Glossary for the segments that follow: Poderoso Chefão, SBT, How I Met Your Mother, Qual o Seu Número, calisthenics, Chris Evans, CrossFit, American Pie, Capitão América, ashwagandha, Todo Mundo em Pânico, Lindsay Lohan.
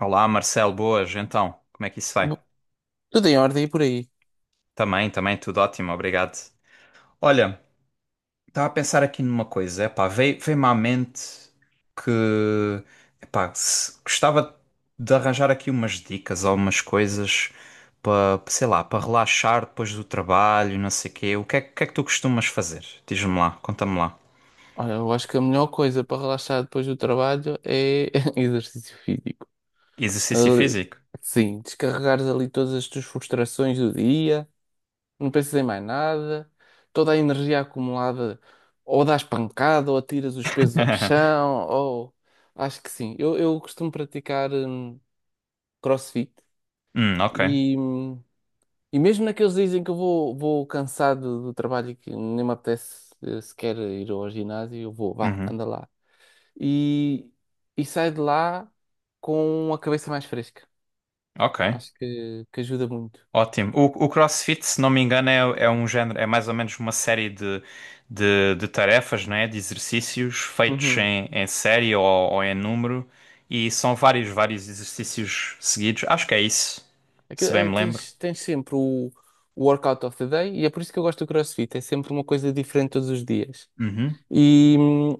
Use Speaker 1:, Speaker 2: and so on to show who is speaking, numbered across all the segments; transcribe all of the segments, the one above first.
Speaker 1: Olá, Marcelo, boas. Então, como é que isso vai?
Speaker 2: Bo- Tudo em ordem e por aí.
Speaker 1: Também, tudo ótimo, obrigado. Olha, estava a pensar aqui numa coisa, epá, veio-me à mente que, epá, gostava de arranjar aqui umas dicas ou umas coisas para, sei lá, para relaxar depois do trabalho, não sei quê. Que é que tu costumas fazer? Diz-me lá, conta-me lá.
Speaker 2: Olha, eu acho que a melhor coisa para relaxar depois do trabalho é exercício físico.
Speaker 1: Exercício
Speaker 2: Ali-
Speaker 1: físico?
Speaker 2: Sim, descarregares ali todas as tuas frustrações do dia, não pensas em mais nada, toda a energia acumulada, ou dás pancada, ou atiras os pesos ao chão, ou acho que sim. Eu costumo praticar CrossFit
Speaker 1: Ok.
Speaker 2: e, e mesmo naqueles dias em que eu vou cansado do trabalho e que nem me apetece sequer ir ao ginásio, eu vou, vá,
Speaker 1: Uhum,
Speaker 2: anda lá. E, e saio de lá com a cabeça mais fresca.
Speaker 1: ok.
Speaker 2: Acho que ajuda muito.
Speaker 1: Ótimo. O CrossFit, se não me engano, é um género, é mais ou menos uma série de tarefas, né? De exercícios feitos
Speaker 2: Uhum.
Speaker 1: em, em série ou em número. E são vários exercícios seguidos. Acho que é isso,
Speaker 2: Aquilo,
Speaker 1: se bem
Speaker 2: é,
Speaker 1: me lembro.
Speaker 2: tens sempre o workout of the day e é por isso que eu gosto do CrossFit. É sempre uma coisa diferente todos os dias.
Speaker 1: Uhum.
Speaker 2: E,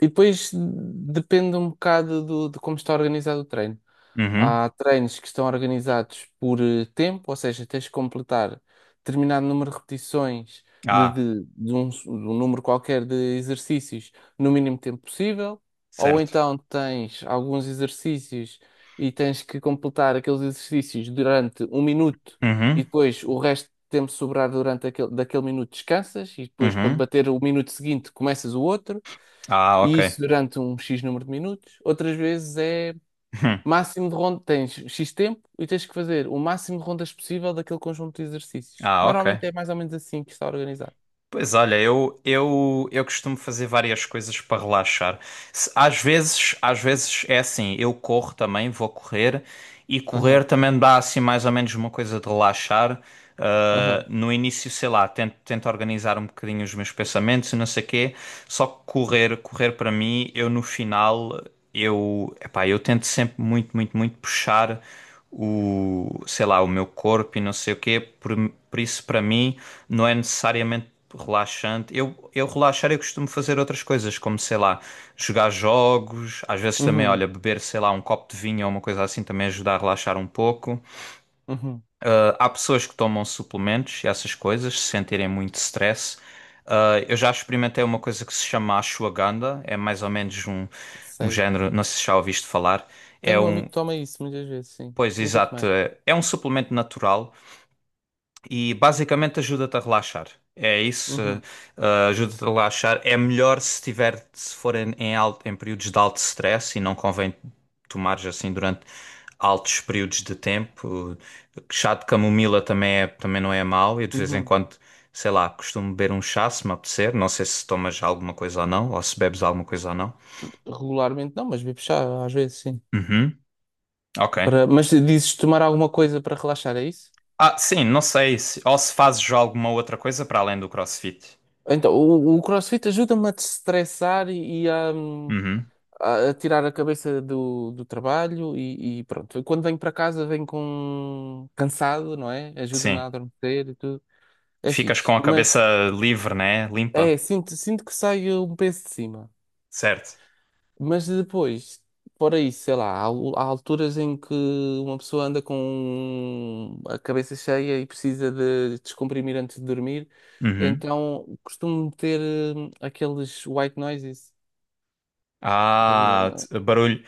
Speaker 2: e depois depende um bocado do, de como está organizado o treino.
Speaker 1: Uhum.
Speaker 2: Há treinos que estão organizados por tempo, ou seja, tens que completar determinado número de repetições
Speaker 1: Ah,
Speaker 2: de um número qualquer de exercícios no mínimo tempo possível, ou
Speaker 1: certo.
Speaker 2: então tens alguns exercícios e tens que completar aqueles exercícios durante um minuto e
Speaker 1: Uhum.
Speaker 2: depois o resto tempo sobrar durante aquele, daquele minuto descansas e depois, quando
Speaker 1: Uhum.
Speaker 2: bater o minuto seguinte, começas o outro,
Speaker 1: Ah, ok.
Speaker 2: e isso durante um X número de minutos. Outras vezes é
Speaker 1: Hum.
Speaker 2: máximo de rondas, tens X tempo e tens que fazer o máximo de rondas possível daquele conjunto de exercícios.
Speaker 1: Ah, ok.
Speaker 2: Normalmente é mais ou menos assim que está organizado.
Speaker 1: Pois olha, eu costumo fazer várias coisas para relaxar. Às vezes é assim, eu corro também, vou correr e correr
Speaker 2: Aham,
Speaker 1: também dá assim mais ou menos uma coisa de relaxar. Ah,
Speaker 2: aham,
Speaker 1: no início, sei lá, tento organizar um bocadinho os meus pensamentos e não sei quê. Só que correr para mim, eu no final, eu, epá, eu tento sempre muito puxar o, sei lá, o meu corpo e não sei o quê. Por isso, para mim, não é necessariamente relaxante. Eu relaxar, eu costumo fazer outras coisas, como sei lá, jogar jogos, às vezes também,
Speaker 2: uhum,
Speaker 1: olha, beber, sei lá, um copo de vinho ou uma coisa assim também ajuda a relaxar um pouco.
Speaker 2: uhum,
Speaker 1: Ah, há pessoas que tomam suplementos e essas coisas, se sentirem muito stress. Ah, eu já experimentei uma coisa que se chama ashwagandha, é mais ou menos um, um
Speaker 2: sei.
Speaker 1: género, não sei se já ouviste falar, é
Speaker 2: Tenho um
Speaker 1: um,
Speaker 2: amigo que toma isso muitas vezes, sim.
Speaker 1: pois
Speaker 2: Nunca
Speaker 1: exato,
Speaker 2: tomei.
Speaker 1: é um suplemento natural. E basicamente ajuda-te a relaxar. É isso,
Speaker 2: Uhum,
Speaker 1: ajuda-te a relaxar. É melhor se tiver, se for em, em alto, em períodos de alto stress e não convém tomares assim durante altos períodos de tempo. Chá de camomila também, é, também não é mau. Eu de vez em
Speaker 2: uhum.
Speaker 1: quando, sei lá, costumo beber um chá se me apetecer. Não sei se tomas alguma coisa ou não, ou se bebes alguma coisa ou não.
Speaker 2: Regularmente não, mas bebo chá às vezes, sim.
Speaker 1: Uhum, ok.
Speaker 2: Para... Mas dizes tomar alguma coisa para relaxar, é isso?
Speaker 1: Ah, sim, não sei se, ou se fazes alguma outra coisa para além do CrossFit.
Speaker 2: Então, o CrossFit ajuda-me a destressar e a,
Speaker 1: Uhum,
Speaker 2: a tirar a cabeça do, do trabalho e pronto. Quando venho para casa venho com cansado, não é? Ajuda-me a
Speaker 1: sim.
Speaker 2: adormecer e tudo. É
Speaker 1: Ficas
Speaker 2: fixe.
Speaker 1: com a cabeça
Speaker 2: Mas
Speaker 1: livre, né? Limpa.
Speaker 2: é, sinto que saio um peso de cima.
Speaker 1: Certo.
Speaker 2: Mas depois, fora isso, sei lá, há alturas em que uma pessoa anda com a cabeça cheia e precisa de descomprimir antes de dormir.
Speaker 1: Uhum.
Speaker 2: Então costumo ter aqueles white noises.
Speaker 1: Ah, barulho,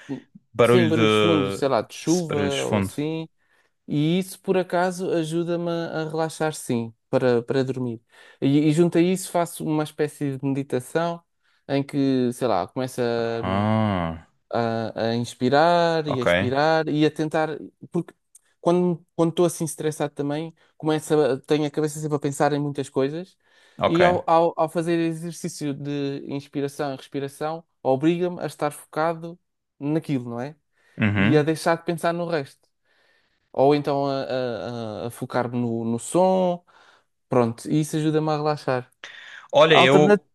Speaker 2: Sim,
Speaker 1: barulho
Speaker 2: barulhos fundos, sei
Speaker 1: de
Speaker 2: lá, de
Speaker 1: barulho de
Speaker 2: chuva ou
Speaker 1: fundo.
Speaker 2: assim. E isso, por acaso, ajuda-me a relaxar, sim, para, para dormir. E junto a isso faço uma espécie de meditação em que, sei lá, começa
Speaker 1: Ah,
Speaker 2: a inspirar e a
Speaker 1: ok,
Speaker 2: expirar e a tentar, porque quando estou assim estressado também, começo a, tenho a cabeça sempre a pensar em muitas coisas
Speaker 1: ok.
Speaker 2: e ao fazer exercício de inspiração e respiração, obriga-me a estar focado naquilo, não é? E a
Speaker 1: Uhum.
Speaker 2: deixar de pensar no resto. Ou então a focar-me no, no som, pronto, e isso ajuda-me a relaxar.
Speaker 1: Olha,
Speaker 2: Alternativa.
Speaker 1: eu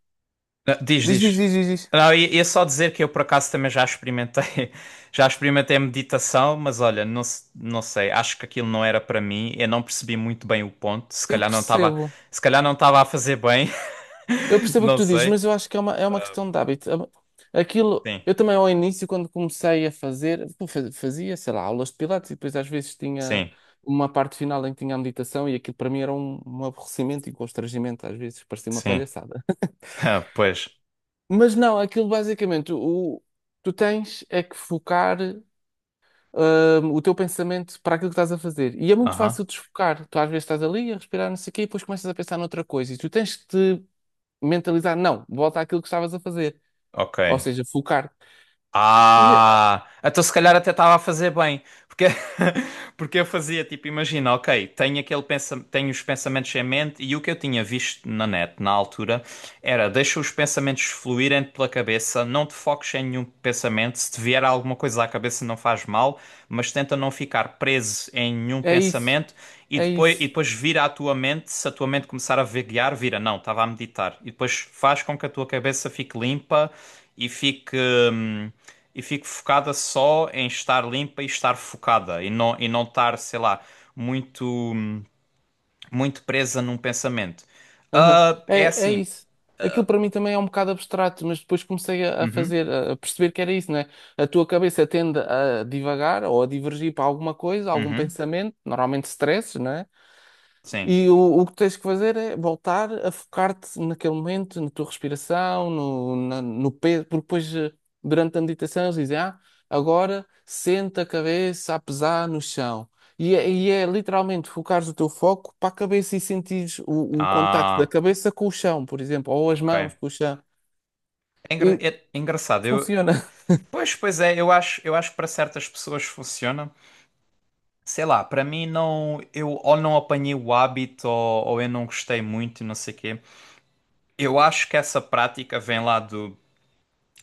Speaker 1: ah,
Speaker 2: Diz, diz,
Speaker 1: diz.
Speaker 2: diz, diz, diz.
Speaker 1: Não, ia só dizer que eu por acaso também já experimentei, já experimentei meditação, mas olha, não, não sei, acho que aquilo não era para mim. Eu não percebi muito bem o ponto.
Speaker 2: Eu percebo.
Speaker 1: Se calhar não estava a fazer bem.
Speaker 2: Eu percebo o que
Speaker 1: Não
Speaker 2: tu dizes,
Speaker 1: sei.
Speaker 2: mas eu acho que é uma questão de hábito. Aquilo,
Speaker 1: Sim,
Speaker 2: eu também ao início, quando comecei a fazer, pô, fazia, sei lá, aulas de pilates e depois às vezes tinha
Speaker 1: sim,
Speaker 2: uma parte final em que tinha a meditação e aquilo para mim era um, um aborrecimento e constrangimento, às vezes parecia uma
Speaker 1: sim.
Speaker 2: palhaçada.
Speaker 1: Ah, pois.
Speaker 2: Mas não, aquilo basicamente, o, tu tens é que focar o teu pensamento para aquilo que estás a fazer. E é muito fácil
Speaker 1: Aham.
Speaker 2: desfocar. Tu às vezes estás ali a respirar, não sei o quê, e depois começas a pensar noutra coisa. E tu tens que te mentalizar, não, volta àquilo que estavas a fazer.
Speaker 1: Ok.
Speaker 2: Ou seja, focar e
Speaker 1: Ah, então se calhar até estava a fazer bem. Porque, porque eu fazia tipo, imagina, ok, tenho os pensamentos em mente e o que eu tinha visto na net na altura era deixa os pensamentos fluírem pela cabeça, não te foques em nenhum pensamento, se te vier alguma coisa à cabeça não faz mal, mas tenta não ficar preso em nenhum
Speaker 2: é isso,
Speaker 1: pensamento
Speaker 2: é
Speaker 1: e
Speaker 2: isso.
Speaker 1: depois vira à tua mente, se a tua mente começar a vaguear, vira, não, estava a meditar. E depois faz com que a tua cabeça fique limpa e fique. Hum, e fique focada só em estar limpa e estar focada e não estar, sei lá, muito muito presa num pensamento.
Speaker 2: Aham,
Speaker 1: Ah, é
Speaker 2: é, é
Speaker 1: assim.
Speaker 2: isso. Aquilo para mim também é um bocado abstrato, mas depois comecei a
Speaker 1: Uhum,
Speaker 2: fazer, a perceber que era isso, né? A tua cabeça tende a divagar ou a divergir para alguma coisa, algum
Speaker 1: uhum,
Speaker 2: pensamento, normalmente stress, né?
Speaker 1: sim.
Speaker 2: E o que tens que fazer é voltar a focar-te naquele momento, na tua respiração, no peso, porque depois, durante a meditação, eles dizem, ah, agora senta a cabeça a pesar no chão. E é literalmente focares o teu foco para a cabeça e sentires o contacto da
Speaker 1: Ah,
Speaker 2: cabeça com o chão, por exemplo, ou as
Speaker 1: ok.
Speaker 2: mãos com o chão.
Speaker 1: É,
Speaker 2: E
Speaker 1: é engraçado. Eu,
Speaker 2: funciona.
Speaker 1: pois é, eu acho que para certas pessoas funciona. Sei lá, para mim não, eu ou não apanhei o hábito ou eu não gostei muito, não sei o quê. Eu acho que essa prática vem lá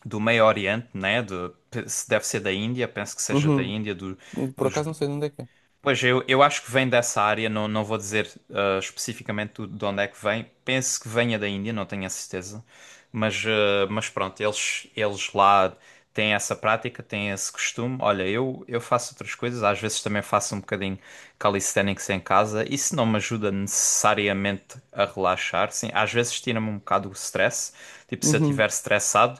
Speaker 1: do Meio Oriente, né? De, se deve ser da Índia, penso que seja da
Speaker 2: Uhum.
Speaker 1: Índia,
Speaker 2: Por
Speaker 1: dos.
Speaker 2: acaso não sei de onde é que é.
Speaker 1: Pois eu acho que vem dessa área, não, não vou dizer ah, especificamente de onde é que vem. Penso que venha da Índia, não tenho a certeza. Mas, ah, mas pronto, eles lá têm essa prática, têm esse costume. Olha, eu faço outras coisas, às vezes também faço um bocadinho calisthenics em casa. Isso não me ajuda necessariamente a relaxar, sim. Às vezes tira-me um bocado o stress. Tipo, se eu
Speaker 2: Uhum.
Speaker 1: estiver estressado.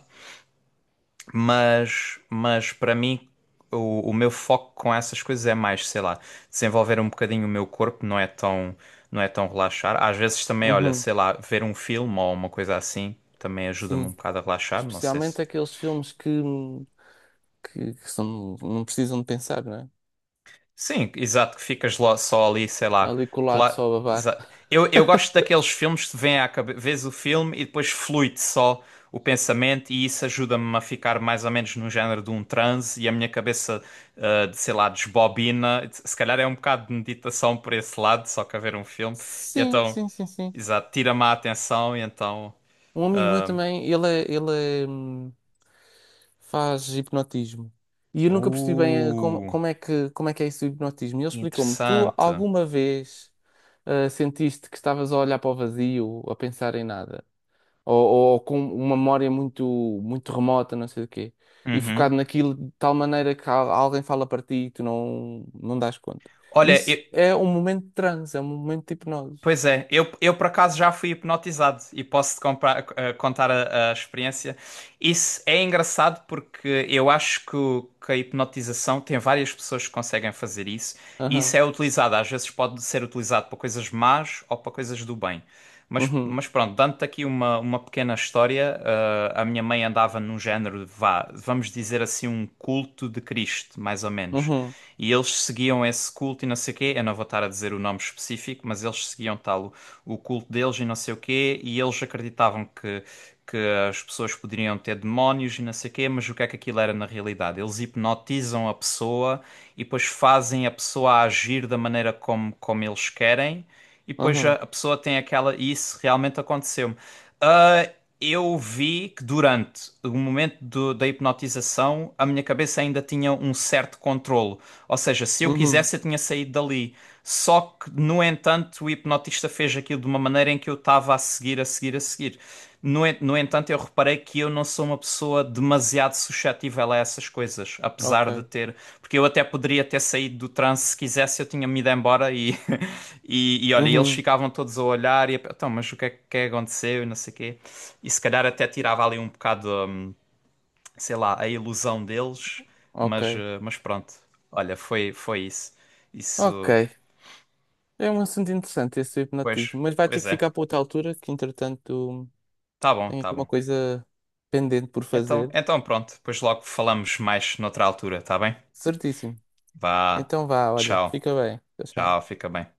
Speaker 1: Mas para mim, o meu foco com essas coisas é mais, sei lá, desenvolver um bocadinho o meu corpo, não é tão, não é tão relaxar. Às vezes também, olha,
Speaker 2: Uhum.
Speaker 1: sei lá, ver um filme ou uma coisa assim também ajuda-me um
Speaker 2: Sim.
Speaker 1: bocado a relaxar. Não sei
Speaker 2: Especialmente
Speaker 1: se,
Speaker 2: aqueles filmes que são, não precisam de pensar, não é?
Speaker 1: sim, exato, que ficas lá, só ali, sei lá,
Speaker 2: Ali colado
Speaker 1: colar.
Speaker 2: só a babar.
Speaker 1: exa- eu gosto daqueles filmes que vem à cabeça, vês o filme e depois flui-te só o pensamento, e isso ajuda-me a ficar mais ou menos no género de um transe e a minha cabeça, ah, de, sei lá, desbobina. Se calhar é um bocado de meditação por esse lado, só que a ver um filme. E
Speaker 2: Sim,
Speaker 1: então,
Speaker 2: sim, sim, sim.
Speaker 1: exato, tira-me a atenção e então.
Speaker 2: Um amigo meu também, ele é, faz hipnotismo. E eu nunca percebi bem como,
Speaker 1: Uh,
Speaker 2: como é que é isso do hipnotismo. E ele explicou-me: tu
Speaker 1: interessante.
Speaker 2: alguma vez sentiste que estavas a olhar para o vazio, a pensar em nada? Ou, ou com uma memória muito, muito remota, não sei do quê? E
Speaker 1: Uhum.
Speaker 2: focado naquilo de tal maneira que alguém fala para ti e tu não, não dás conta.
Speaker 1: Olha, eu,
Speaker 2: Isso é um momento de transe, é um momento de hipnose.
Speaker 1: pois é, eu por acaso já fui hipnotizado e contar a experiência. Isso é engraçado porque eu acho que, que a hipnotização tem várias pessoas que conseguem fazer isso e isso é utilizado, às vezes pode ser utilizado para coisas más ou para coisas do bem.
Speaker 2: Uhum,
Speaker 1: Mas pronto, dando-te aqui uma pequena história, eh, a minha mãe andava num género, de vá, vamos dizer assim, um culto de Cristo, mais ou menos.
Speaker 2: uhum,
Speaker 1: E eles seguiam esse culto e não sei o quê. Eu não vou estar a dizer o nome específico, mas eles seguiam tal o culto deles e não sei o quê. E eles acreditavam que as pessoas poderiam ter demónios e não sei o quê, mas o que é que aquilo era na realidade? Eles hipnotizam a pessoa e depois fazem a pessoa agir da maneira como, como eles querem. E depois
Speaker 2: uhum,
Speaker 1: a pessoa tem aquela. E isso realmente aconteceu-me. Ah, eu vi que durante o momento da hipnotização a minha cabeça ainda tinha um certo controlo. Ou seja, se eu
Speaker 2: uhum,
Speaker 1: quisesse, eu tinha saído dali. Só que, no entanto, o hipnotista fez aquilo de uma maneira em que eu estava a a seguir. No entanto, eu reparei que eu não sou uma pessoa demasiado suscetível a essas coisas, apesar de
Speaker 2: ok,
Speaker 1: ter. Porque eu até poderia ter saído do transe se quisesse, eu tinha-me ido embora e, e olha, eles
Speaker 2: uhum,
Speaker 1: ficavam todos a olhar e então, mas o que é que aconteceu e não sei o quê. E se calhar até tirava ali um bocado, sei lá, a ilusão deles,
Speaker 2: ok,
Speaker 1: mas, eh, mas pronto. Olha, foi isso.
Speaker 2: ok.
Speaker 1: Isso,
Speaker 2: É um assunto interessante esse do
Speaker 1: pois,
Speaker 2: hipnotismo, mas vai ter
Speaker 1: pois
Speaker 2: que
Speaker 1: é.
Speaker 2: ficar para outra altura, que entretanto tenho
Speaker 1: Tá
Speaker 2: aqui uma
Speaker 1: bom.
Speaker 2: coisa pendente por fazer.
Speaker 1: Então pronto, depois logo falamos mais noutra altura, tá bem?
Speaker 2: Certíssimo.
Speaker 1: Vá,
Speaker 2: Então vá, olha,
Speaker 1: tchau,
Speaker 2: fica bem. Tchau,
Speaker 1: tchau,
Speaker 2: tchau.
Speaker 1: fica bem.